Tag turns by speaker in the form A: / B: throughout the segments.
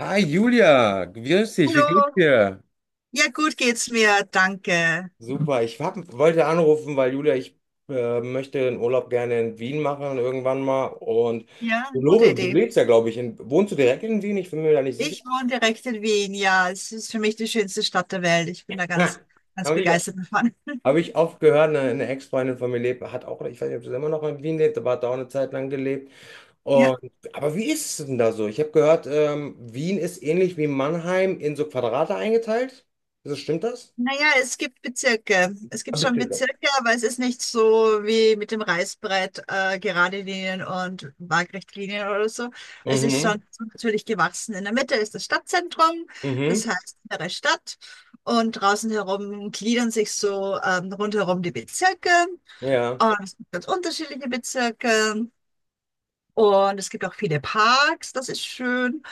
A: Hi Julia, grüß dich, wie
B: Hallo,
A: geht's dir?
B: ja gut geht's mir, danke.
A: Super, wollte anrufen, weil Julia, ich möchte den Urlaub gerne in Wien machen irgendwann mal. Und
B: Ja,
A: du,
B: gute
A: Lore, du
B: Idee.
A: lebst ja, glaube ich, wohnst du direkt in Wien? Ich bin mir da nicht sicher.
B: Ich wohne direkt in Wien, ja, es ist für mich die schönste Stadt der Welt. Ich bin da
A: Ha,
B: ganz, ganz
A: habe ich,
B: begeistert davon.
A: Hab ich oft gehört, eine Ex-Freundin von mir lebt, hat auch, ich weiß nicht, ob sie immer noch in Wien lebt, aber hat da auch eine Zeit lang gelebt.
B: Ja,
A: Und, aber wie ist es denn da so? Ich habe gehört, Wien ist ähnlich wie Mannheim in so Quadrate eingeteilt. Stimmt das?
B: naja, es gibt Bezirke. Es
A: Ah,
B: gibt
A: bist
B: schon Bezirke, aber es ist nicht so wie mit dem Reißbrett, gerade Linien und Waagrechtlinien oder so. Es ist
A: Mhm,
B: schon natürlich gewachsen. In der Mitte ist das Stadtzentrum, das
A: mhm.
B: heißt innere Stadt. Und draußen herum gliedern sich so rundherum die Bezirke.
A: Ja.
B: Und es gibt ganz unterschiedliche Bezirke. Und es gibt auch viele Parks, das ist schön.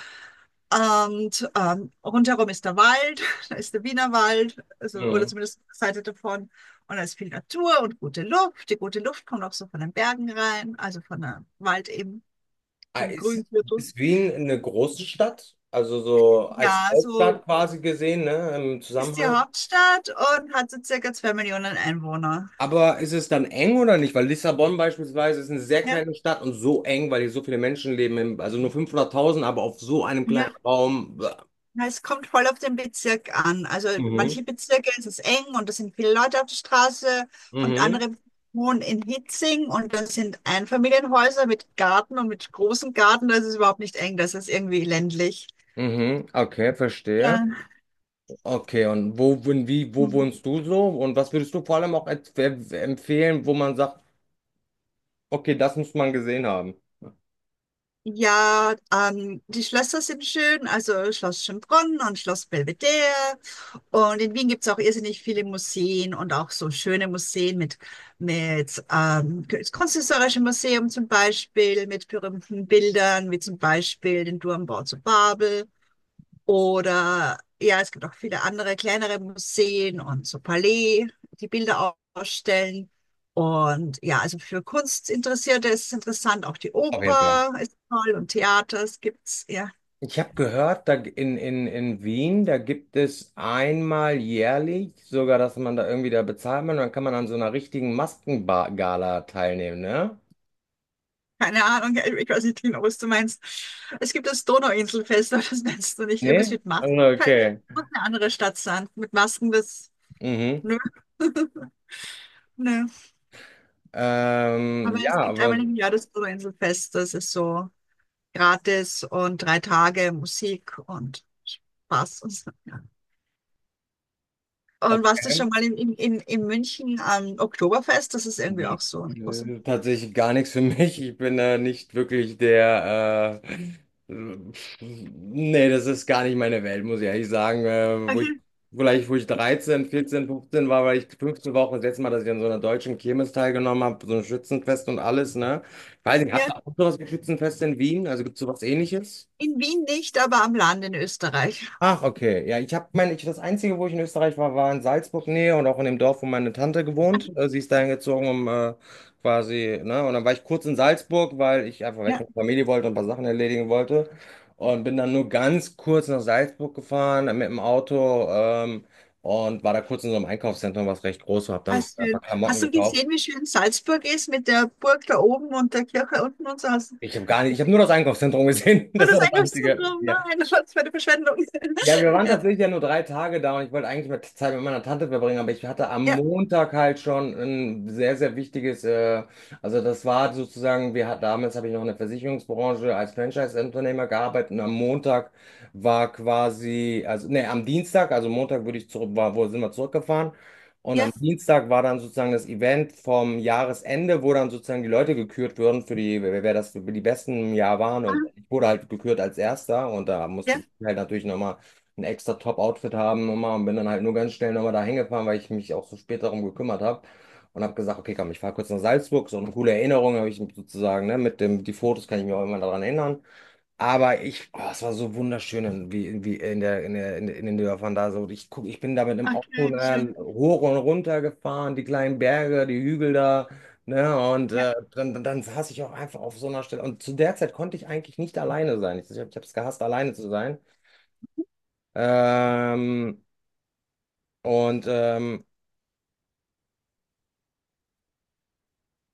B: Und rundherum ist der Wald, da ist der Wiener Wald, also, oder
A: Mhm.
B: zumindest eine Seite davon. Und da ist viel Natur und gute Luft. Die gute Luft kommt auch so von den Bergen rein, also von der Wald eben,
A: Ah,
B: vom
A: Ist,
B: Grüngürtel.
A: Ist Wien eine große Stadt? Also so als
B: Ja,
A: Hauptstadt
B: so
A: quasi gesehen, ne, im
B: ist die
A: Zusammenhang.
B: Hauptstadt und hat so circa 2 Millionen Einwohner.
A: Aber ist es dann eng oder nicht? Weil Lissabon beispielsweise ist eine sehr
B: Ja,
A: kleine Stadt und so eng, weil hier so viele Menschen leben, also nur 500.000, aber auf so einem kleinen
B: ja,
A: Raum. Bäh.
B: na, es kommt voll auf den Bezirk an. Also
A: Mhm.
B: manche Bezirke ist es eng und da sind viele Leute auf der Straße und
A: Mhm.
B: andere wohnen in Hitzing und das sind Einfamilienhäuser mit Garten und mit großem Garten. Das ist überhaupt nicht eng, das ist irgendwie ländlich.
A: Mhm. Okay, verstehe.
B: Ja.
A: Okay, wo wohnst du so? Und was würdest du vor allem auch empfehlen, wo man sagt, okay, das muss man gesehen haben?
B: Ja, die Schlösser sind schön, also Schloss Schönbrunn und Schloss Belvedere. Und in Wien gibt es auch irrsinnig viele Museen und auch so schöne Museen mit das Kunsthistorische Museum zum Beispiel, mit berühmten Bildern, wie zum Beispiel den Turmbau zu Babel. Oder ja, es gibt auch viele andere kleinere Museen und so Palais, die Bilder ausstellen. Und ja, also für Kunstinteressierte ist es interessant, auch die
A: Auf jeden Fall.
B: Oper ist toll und Theater, es gibt's, ja.
A: Ich habe gehört, da in Wien, da gibt es einmal jährlich sogar, dass man da irgendwie da bezahlt man und dann kann man an so einer richtigen Maskengala teilnehmen, ne?
B: Keine Ahnung, ja, ich weiß nicht genau, was du meinst. Es gibt das Donauinselfest, aber das meinst du nicht. Irgendwas
A: Nee?
B: mit
A: Also,
B: Masken halt.
A: okay.
B: Muss eine andere Stadt sein. Mit Masken, das.
A: Mhm.
B: Nö. Nö. Aber
A: Ja,
B: es gibt
A: aber
B: einmal im Jahr das Donauinselfest. Das ist so gratis und 3 Tage Musik und Spaß und so. Ja. Und warst du
A: okay.
B: schon mal in München am Oktoberfest? Das ist irgendwie
A: Nee.
B: auch so eine große.
A: Nö, tatsächlich gar nichts für mich. Ich bin da nicht wirklich der. Nee, das ist gar nicht meine Welt, muss ich ehrlich sagen.
B: Okay.
A: Vielleicht, wo ich 13, 14, 15 war, weil ich 15 war auch das letzte Mal, dass ich an so einer deutschen Kirmes teilgenommen habe, so ein Schützenfest und alles, ne? Ich weiß nicht, habt ihr
B: Ja.
A: auch sowas wie Schützenfest in Wien? Also gibt es sowas Ähnliches?
B: In Wien nicht, aber am Land in Österreich.
A: Ach, okay. Ja, ich habe meine, ich, das Einzige, wo ich in Österreich war, war in Salzburg-Nähe und auch in dem Dorf, wo meine Tante gewohnt. Sie ist dahin gezogen, um quasi, ne? Und dann war ich kurz in Salzburg, weil ich einfach weg
B: Ja.
A: von der Familie wollte und ein paar Sachen erledigen wollte. Und bin dann nur ganz kurz nach Salzburg gefahren mit dem Auto und war da kurz in so einem Einkaufszentrum, was recht groß war, habe
B: Ah,
A: dann ein paar
B: schön.
A: Klamotten
B: Hast du
A: gekauft.
B: gesehen, wie schön Salzburg ist mit der Burg da oben und der Kirche unten und so? Hast du.
A: Ich habe gar nicht, Ich habe nur das Einkaufszentrum gesehen.
B: Oh,
A: Das war
B: das
A: das Einzige.
B: Einkaufszentrum?
A: Ja.
B: Nein, das war eine Verschwendung.
A: Ja, wir waren
B: Ja,
A: tatsächlich ja nur 3 Tage da und ich wollte eigentlich mal Zeit mit meiner Tante verbringen, aber ich hatte am
B: ja,
A: Montag halt schon ein sehr, sehr wichtiges, also das war sozusagen, wir hatten damals habe ich noch in der Versicherungsbranche als Franchise-Unternehmer gearbeitet und am Montag war quasi, also nee, am Dienstag, also Montag würde ich zurück, war, wo sind wir zurückgefahren und am
B: ja,
A: Dienstag war dann sozusagen das Event vom Jahresende, wo dann sozusagen die Leute gekürt wurden für die, wer das für die besten im Jahr waren, und
B: ah,
A: ich wurde halt gekürt als Erster und da musste
B: ja,
A: ich halt natürlich nochmal ein extra Top-Outfit haben immer und bin dann halt nur ganz schnell nochmal da hingefahren, weil ich mich auch so spät darum gekümmert habe und habe gesagt, okay, komm, ich fahre kurz nach Salzburg, so eine coole Erinnerung habe ich sozusagen, ne, mit dem, die Fotos kann ich mir auch immer daran erinnern. Aber ich, oh, es war so wunderschön, wie in den Dörfern da so. Ich bin da mit dem Auto
B: okay, schön.
A: hoch und runter gefahren, die kleinen Berge, die Hügel da, ne, und
B: Ja,
A: dann saß ich auch einfach auf so einer Stelle. Und zu der Zeit konnte ich eigentlich nicht alleine sein. Ich habe es gehasst, alleine zu sein. Ähm, und, ähm,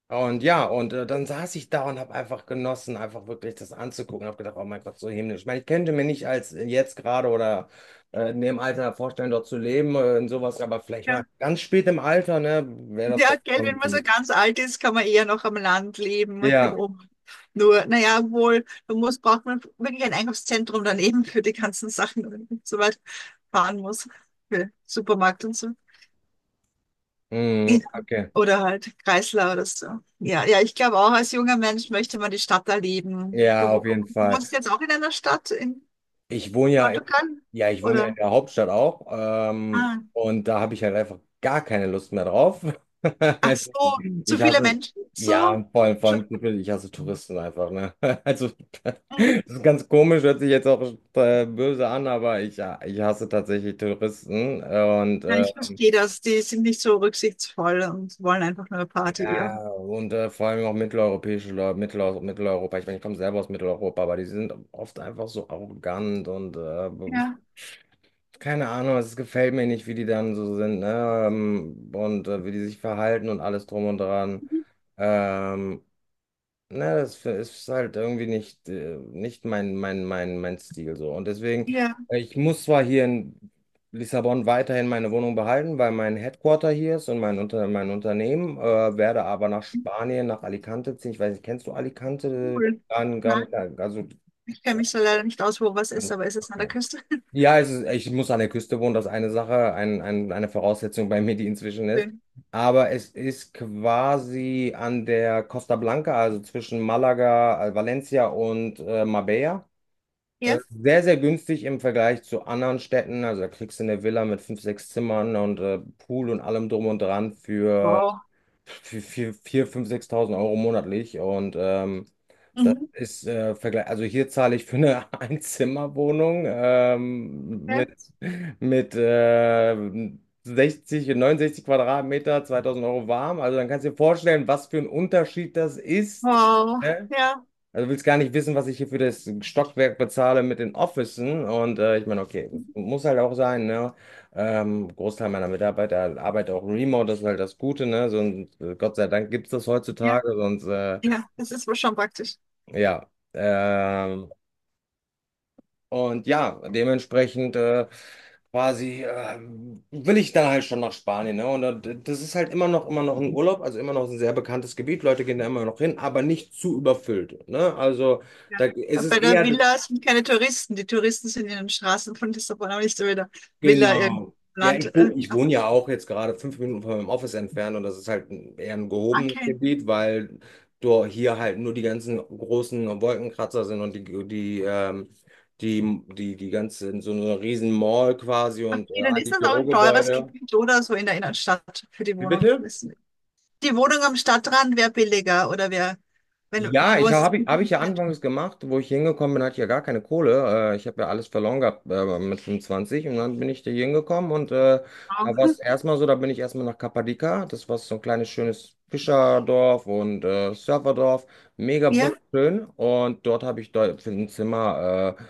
A: und ja, und dann saß ich da und habe einfach genossen, einfach wirklich das anzugucken. Habe gedacht, oh mein Gott, so himmlisch. Ich meine, ich könnte mir nicht als jetzt gerade oder in dem Alter vorstellen, dort zu leben und sowas, aber vielleicht mal
B: ja.
A: ganz spät im Alter, ne, wäre das,
B: Ja,
A: glaube
B: gell, wenn
A: ich,
B: man so
A: schon.
B: ganz alt ist, kann man eher noch am Land leben.
A: Ja,
B: Nur, naja, wohl, braucht man wirklich ein Einkaufszentrum daneben für die ganzen Sachen, wenn man so weit fahren muss, für Supermarkt und so. Ja,
A: mhm, okay.
B: oder halt Kreisler oder so. Ja, ja, ich glaube auch, als junger Mensch möchte man die Stadt erleben.
A: Ja,
B: Du
A: auf
B: wo-
A: jeden
B: du
A: Fall.
B: wohnst jetzt auch in einer Stadt in
A: Ich wohne ja in,
B: Portugal?
A: Ja, ich wohne in
B: Oder?
A: der Hauptstadt auch.
B: Ah,
A: Und da habe ich halt einfach gar keine Lust mehr drauf.
B: ach
A: Also,
B: so, zu
A: Ich
B: viele
A: hasse,
B: Menschen?
A: ja,
B: So?
A: und vor allem, vor
B: Schon-
A: allem, zu viel, ich hasse Touristen einfach, ne? Also, das
B: Mhm.
A: ist ganz komisch, hört sich jetzt auch böse an, ja, ich hasse tatsächlich Touristen. äh, Und
B: Ja,
A: äh,
B: ich verstehe das. Die sind nicht so rücksichtsvoll und wollen einfach nur Party.
A: ja,
B: Ja,
A: und vor allem auch mitteleuropäische Leute, Mitteleuropa. Ich meine, ich komme selber aus Mitteleuropa, aber die sind oft einfach so arrogant und
B: ja,
A: keine Ahnung, es gefällt mir nicht, wie die dann so sind, ne? Und wie die sich verhalten und alles drum und dran.
B: mhm,
A: Ähm, ne, das ist halt irgendwie nicht, nicht mein Stil so. Und deswegen,
B: ja,
A: ich muss zwar hier in Lissabon weiterhin meine Wohnung behalten, weil mein Headquarter hier ist und mein Unternehmen, werde aber nach Spanien, nach Alicante ziehen. Ich weiß nicht, kennst du Alicante?
B: cool. Nein,
A: Also,
B: ich kenne mich so leider nicht aus, wo was ist, aber ist es an der
A: ja,
B: Küste?
A: ja, ich muss an der Küste wohnen, das ist eine Sache, eine Voraussetzung bei mir, die inzwischen ist.
B: Schön.
A: Aber es ist quasi an der Costa Blanca, also zwischen Malaga, Valencia und Marbella.
B: Ja.
A: Sehr, sehr günstig im Vergleich zu anderen Städten. Also da kriegst du eine Villa mit fünf, sechs Zimmern und Pool und allem drum und dran
B: Wow.
A: für fünf, 6.000 Euro monatlich. Und das
B: Mhm.
A: ist Vergleich. Also hier zahle ich für eine Einzimmerwohnung
B: Ja.
A: mit 60 und 69 Quadratmeter, 2.000 Euro warm. Also dann kannst du dir vorstellen, was für ein Unterschied das ist.
B: Wow.
A: Ne?
B: Ja.
A: Also du willst gar nicht wissen, was ich hier für das Stockwerk bezahle mit den Officen. Und ich meine, okay, das
B: Mhm.
A: muss halt auch sein. Ne? Großteil meiner Mitarbeiter arbeitet auch remote, das ist halt das Gute. Ne? So, Gott sei Dank gibt es das
B: Ja.
A: heutzutage, sonst
B: Ja, das ist wohl schon praktisch.
A: ja. Und ja, dementsprechend quasi will ich dann halt schon nach Spanien. Ne? Und das ist halt immer noch ein Urlaub, also immer noch ein sehr bekanntes Gebiet. Leute gehen da immer noch hin, aber nicht zu überfüllt. Ne? Also da
B: Ja.
A: ist es
B: Bei der
A: eher,
B: Villa sind keine Touristen. Die Touristen sind in den Straßen von Lissabon, aber nicht so wieder Villa irgendein
A: genau. Ja,
B: Land.
A: ich
B: Ja.
A: wohne ja auch jetzt gerade 5 Minuten von meinem Office entfernt und das ist halt eher ein gehobenes
B: Okay.
A: Gebiet, weil hier halt nur die ganzen großen Wolkenkratzer sind und die ganze, so eine riesen Mall quasi und
B: Okay, dann
A: all
B: ist
A: die
B: das auch ein teures
A: Bürogebäude.
B: Gebiet oder so in der Innenstadt für die
A: Wie
B: Wohnung.
A: bitte?
B: Die Wohnung am Stadtrand wäre billiger oder wäre, wenn du
A: Ja,
B: wohnst.
A: hab ich ja anfangs gemacht, wo ich hingekommen bin, hatte ich ja gar keine Kohle. Ich habe ja alles verloren gehabt mit 25 und dann bin ich da hingekommen und da war es erstmal so, da bin ich erstmal nach Kappadika. Das war so ein kleines schönes Fischerdorf und Surferdorf, mega
B: Ja,
A: wunderschön, und dort habe ich dort für ein Zimmer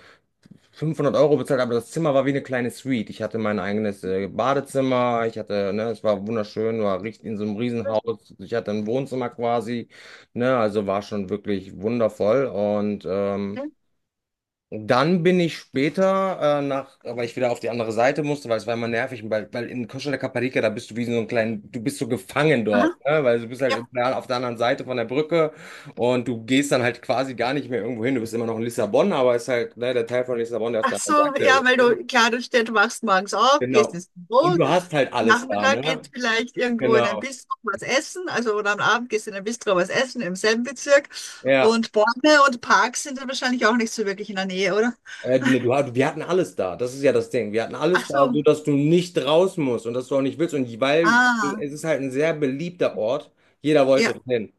A: 500 Euro bezahlt, aber das Zimmer war wie eine kleine Suite. Ich hatte mein eigenes Badezimmer, ich hatte, ne, es war wunderschön, war richtig in so einem Riesenhaus. Ich hatte ein Wohnzimmer quasi. Ne, also war schon wirklich wundervoll. Und dann bin ich später, nach, weil ich wieder auf die andere Seite musste, weil es war immer nervig, weil in Costa de Caparica, da bist du wie so ein kleinen, du bist so gefangen
B: aha,
A: dort, ne? Weil du bist halt
B: ja,
A: immer auf der anderen Seite von der Brücke und du gehst dann halt quasi gar nicht mehr irgendwo hin. Du bist immer noch in Lissabon, aber es ist halt, ne, der Teil von Lissabon, der auf
B: ach
A: der anderen
B: so,
A: Seite
B: ja,
A: ist.
B: weil
A: Ne?
B: du, klar, du stehst, wachst morgens auf, gehst
A: Genau.
B: ins
A: Und
B: Büro,
A: du hast halt alles da,
B: Nachmittag
A: ne?
B: geht vielleicht irgendwo in ein
A: Genau.
B: Bistro was essen, also oder am Abend gehst du in ein Bistro was essen im selben Bezirk.
A: Ja.
B: Und Bäume und Parks sind dann wahrscheinlich auch nicht so wirklich in der Nähe, oder?
A: Nee, wir hatten alles da. Das ist ja das Ding. Wir hatten
B: Ach
A: alles da,
B: so,
A: so dass du nicht raus musst und dass du auch nicht willst. Und weil
B: ah,
A: es ist halt ein sehr beliebter Ort. Jeder
B: ja,
A: wollte hin.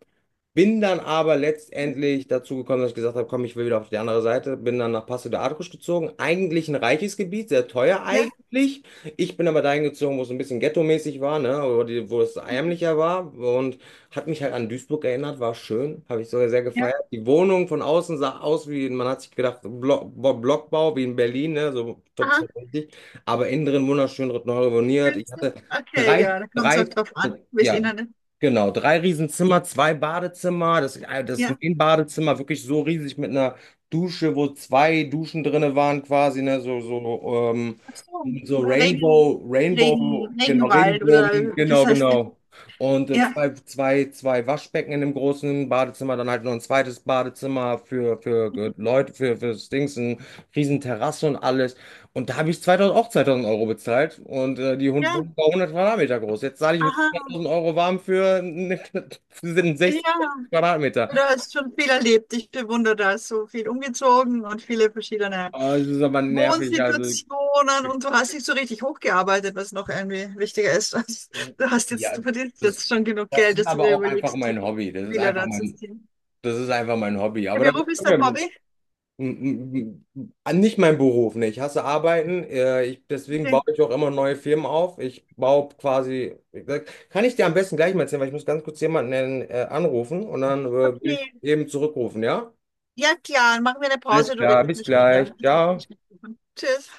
A: Bin dann aber letztendlich dazu gekommen, dass ich gesagt habe, komm, ich will wieder auf die andere Seite. Bin dann nach Passo de Arcos gezogen. Eigentlich ein reiches Gebiet, sehr teuer
B: ja,
A: eigentlich. Ich bin aber dahin gezogen, wo es ein bisschen ghetto-mäßig war, ne? Wo es
B: mhm,
A: ärmlicher war. Und hat mich halt an Duisburg erinnert, war schön. Habe ich sogar sehr
B: ja,
A: gefeiert. Die Wohnung von außen sah aus wie, man hat sich gedacht, Blockbau wie in Berlin, ne? So top,
B: aha,
A: richtig. Aber innen drin wunderschön, neu renoviert. Ich
B: findest
A: hatte
B: okay,
A: drei,
B: ja, da kommt es auch
A: drei,
B: drauf an, wie es
A: ja,
B: innen.
A: genau, drei Riesenzimmer, zwei Badezimmer. Das, das
B: Ja,
A: Main-Badezimmer wirklich so riesig mit einer Dusche, wo zwei Duschen drinne waren quasi, ne?
B: ach so, Regen,
A: Rainbow, Rainbow, genau,
B: Regenwald
A: Regenbogen,
B: oder das
A: genau,
B: heißt,
A: genau. Und
B: ja,
A: zwei Waschbecken in dem großen Badezimmer, dann halt noch ein zweites Badezimmer für Leute, für Dings, eine riesen Terrasse und alles. Und da habe ich 2.000, auch 2.000 Euro bezahlt, und die Hund
B: ja,
A: Wohnung war 100 Quadratmeter groß. Jetzt zahle ich
B: aha,
A: 2.000 Euro warm für, für sind 60
B: ja.
A: Quadratmeter.
B: Du hast schon viel erlebt. Ich bewundere das. So viel umgezogen und viele verschiedene
A: Aber das ist aber nervig, also
B: Wohnsituationen. Und du hast dich so richtig hochgearbeitet, was noch irgendwie wichtiger ist. Also, Du hast jetzt,
A: ja,
B: du verdienst
A: das,
B: jetzt schon genug
A: das
B: Geld,
A: ist
B: dass du
A: aber
B: dir
A: auch einfach
B: überlegst, die
A: mein Hobby, das ist
B: Villa
A: einfach
B: da zu
A: mein.
B: ziehen.
A: Das ist einfach mein Hobby.
B: Der
A: Aber da
B: Beruf ist dein
A: m-
B: Hobby?
A: m- nicht mein Beruf, ne? Ich hasse Arbeiten. Ich, deswegen baue
B: Nee.
A: ich auch immer neue Firmen auf. Ich baue quasi. Kann ich dir am besten gleich mal erzählen, weil ich muss ganz kurz jemanden anrufen und dann will ich
B: Okay.
A: eben zurückrufen, ja?
B: Ja, klar. Machen wir eine
A: Alles
B: Pause. Du
A: klar,
B: redest
A: bis
B: mich
A: gleich.
B: wieder.
A: Ciao.
B: Tschüss.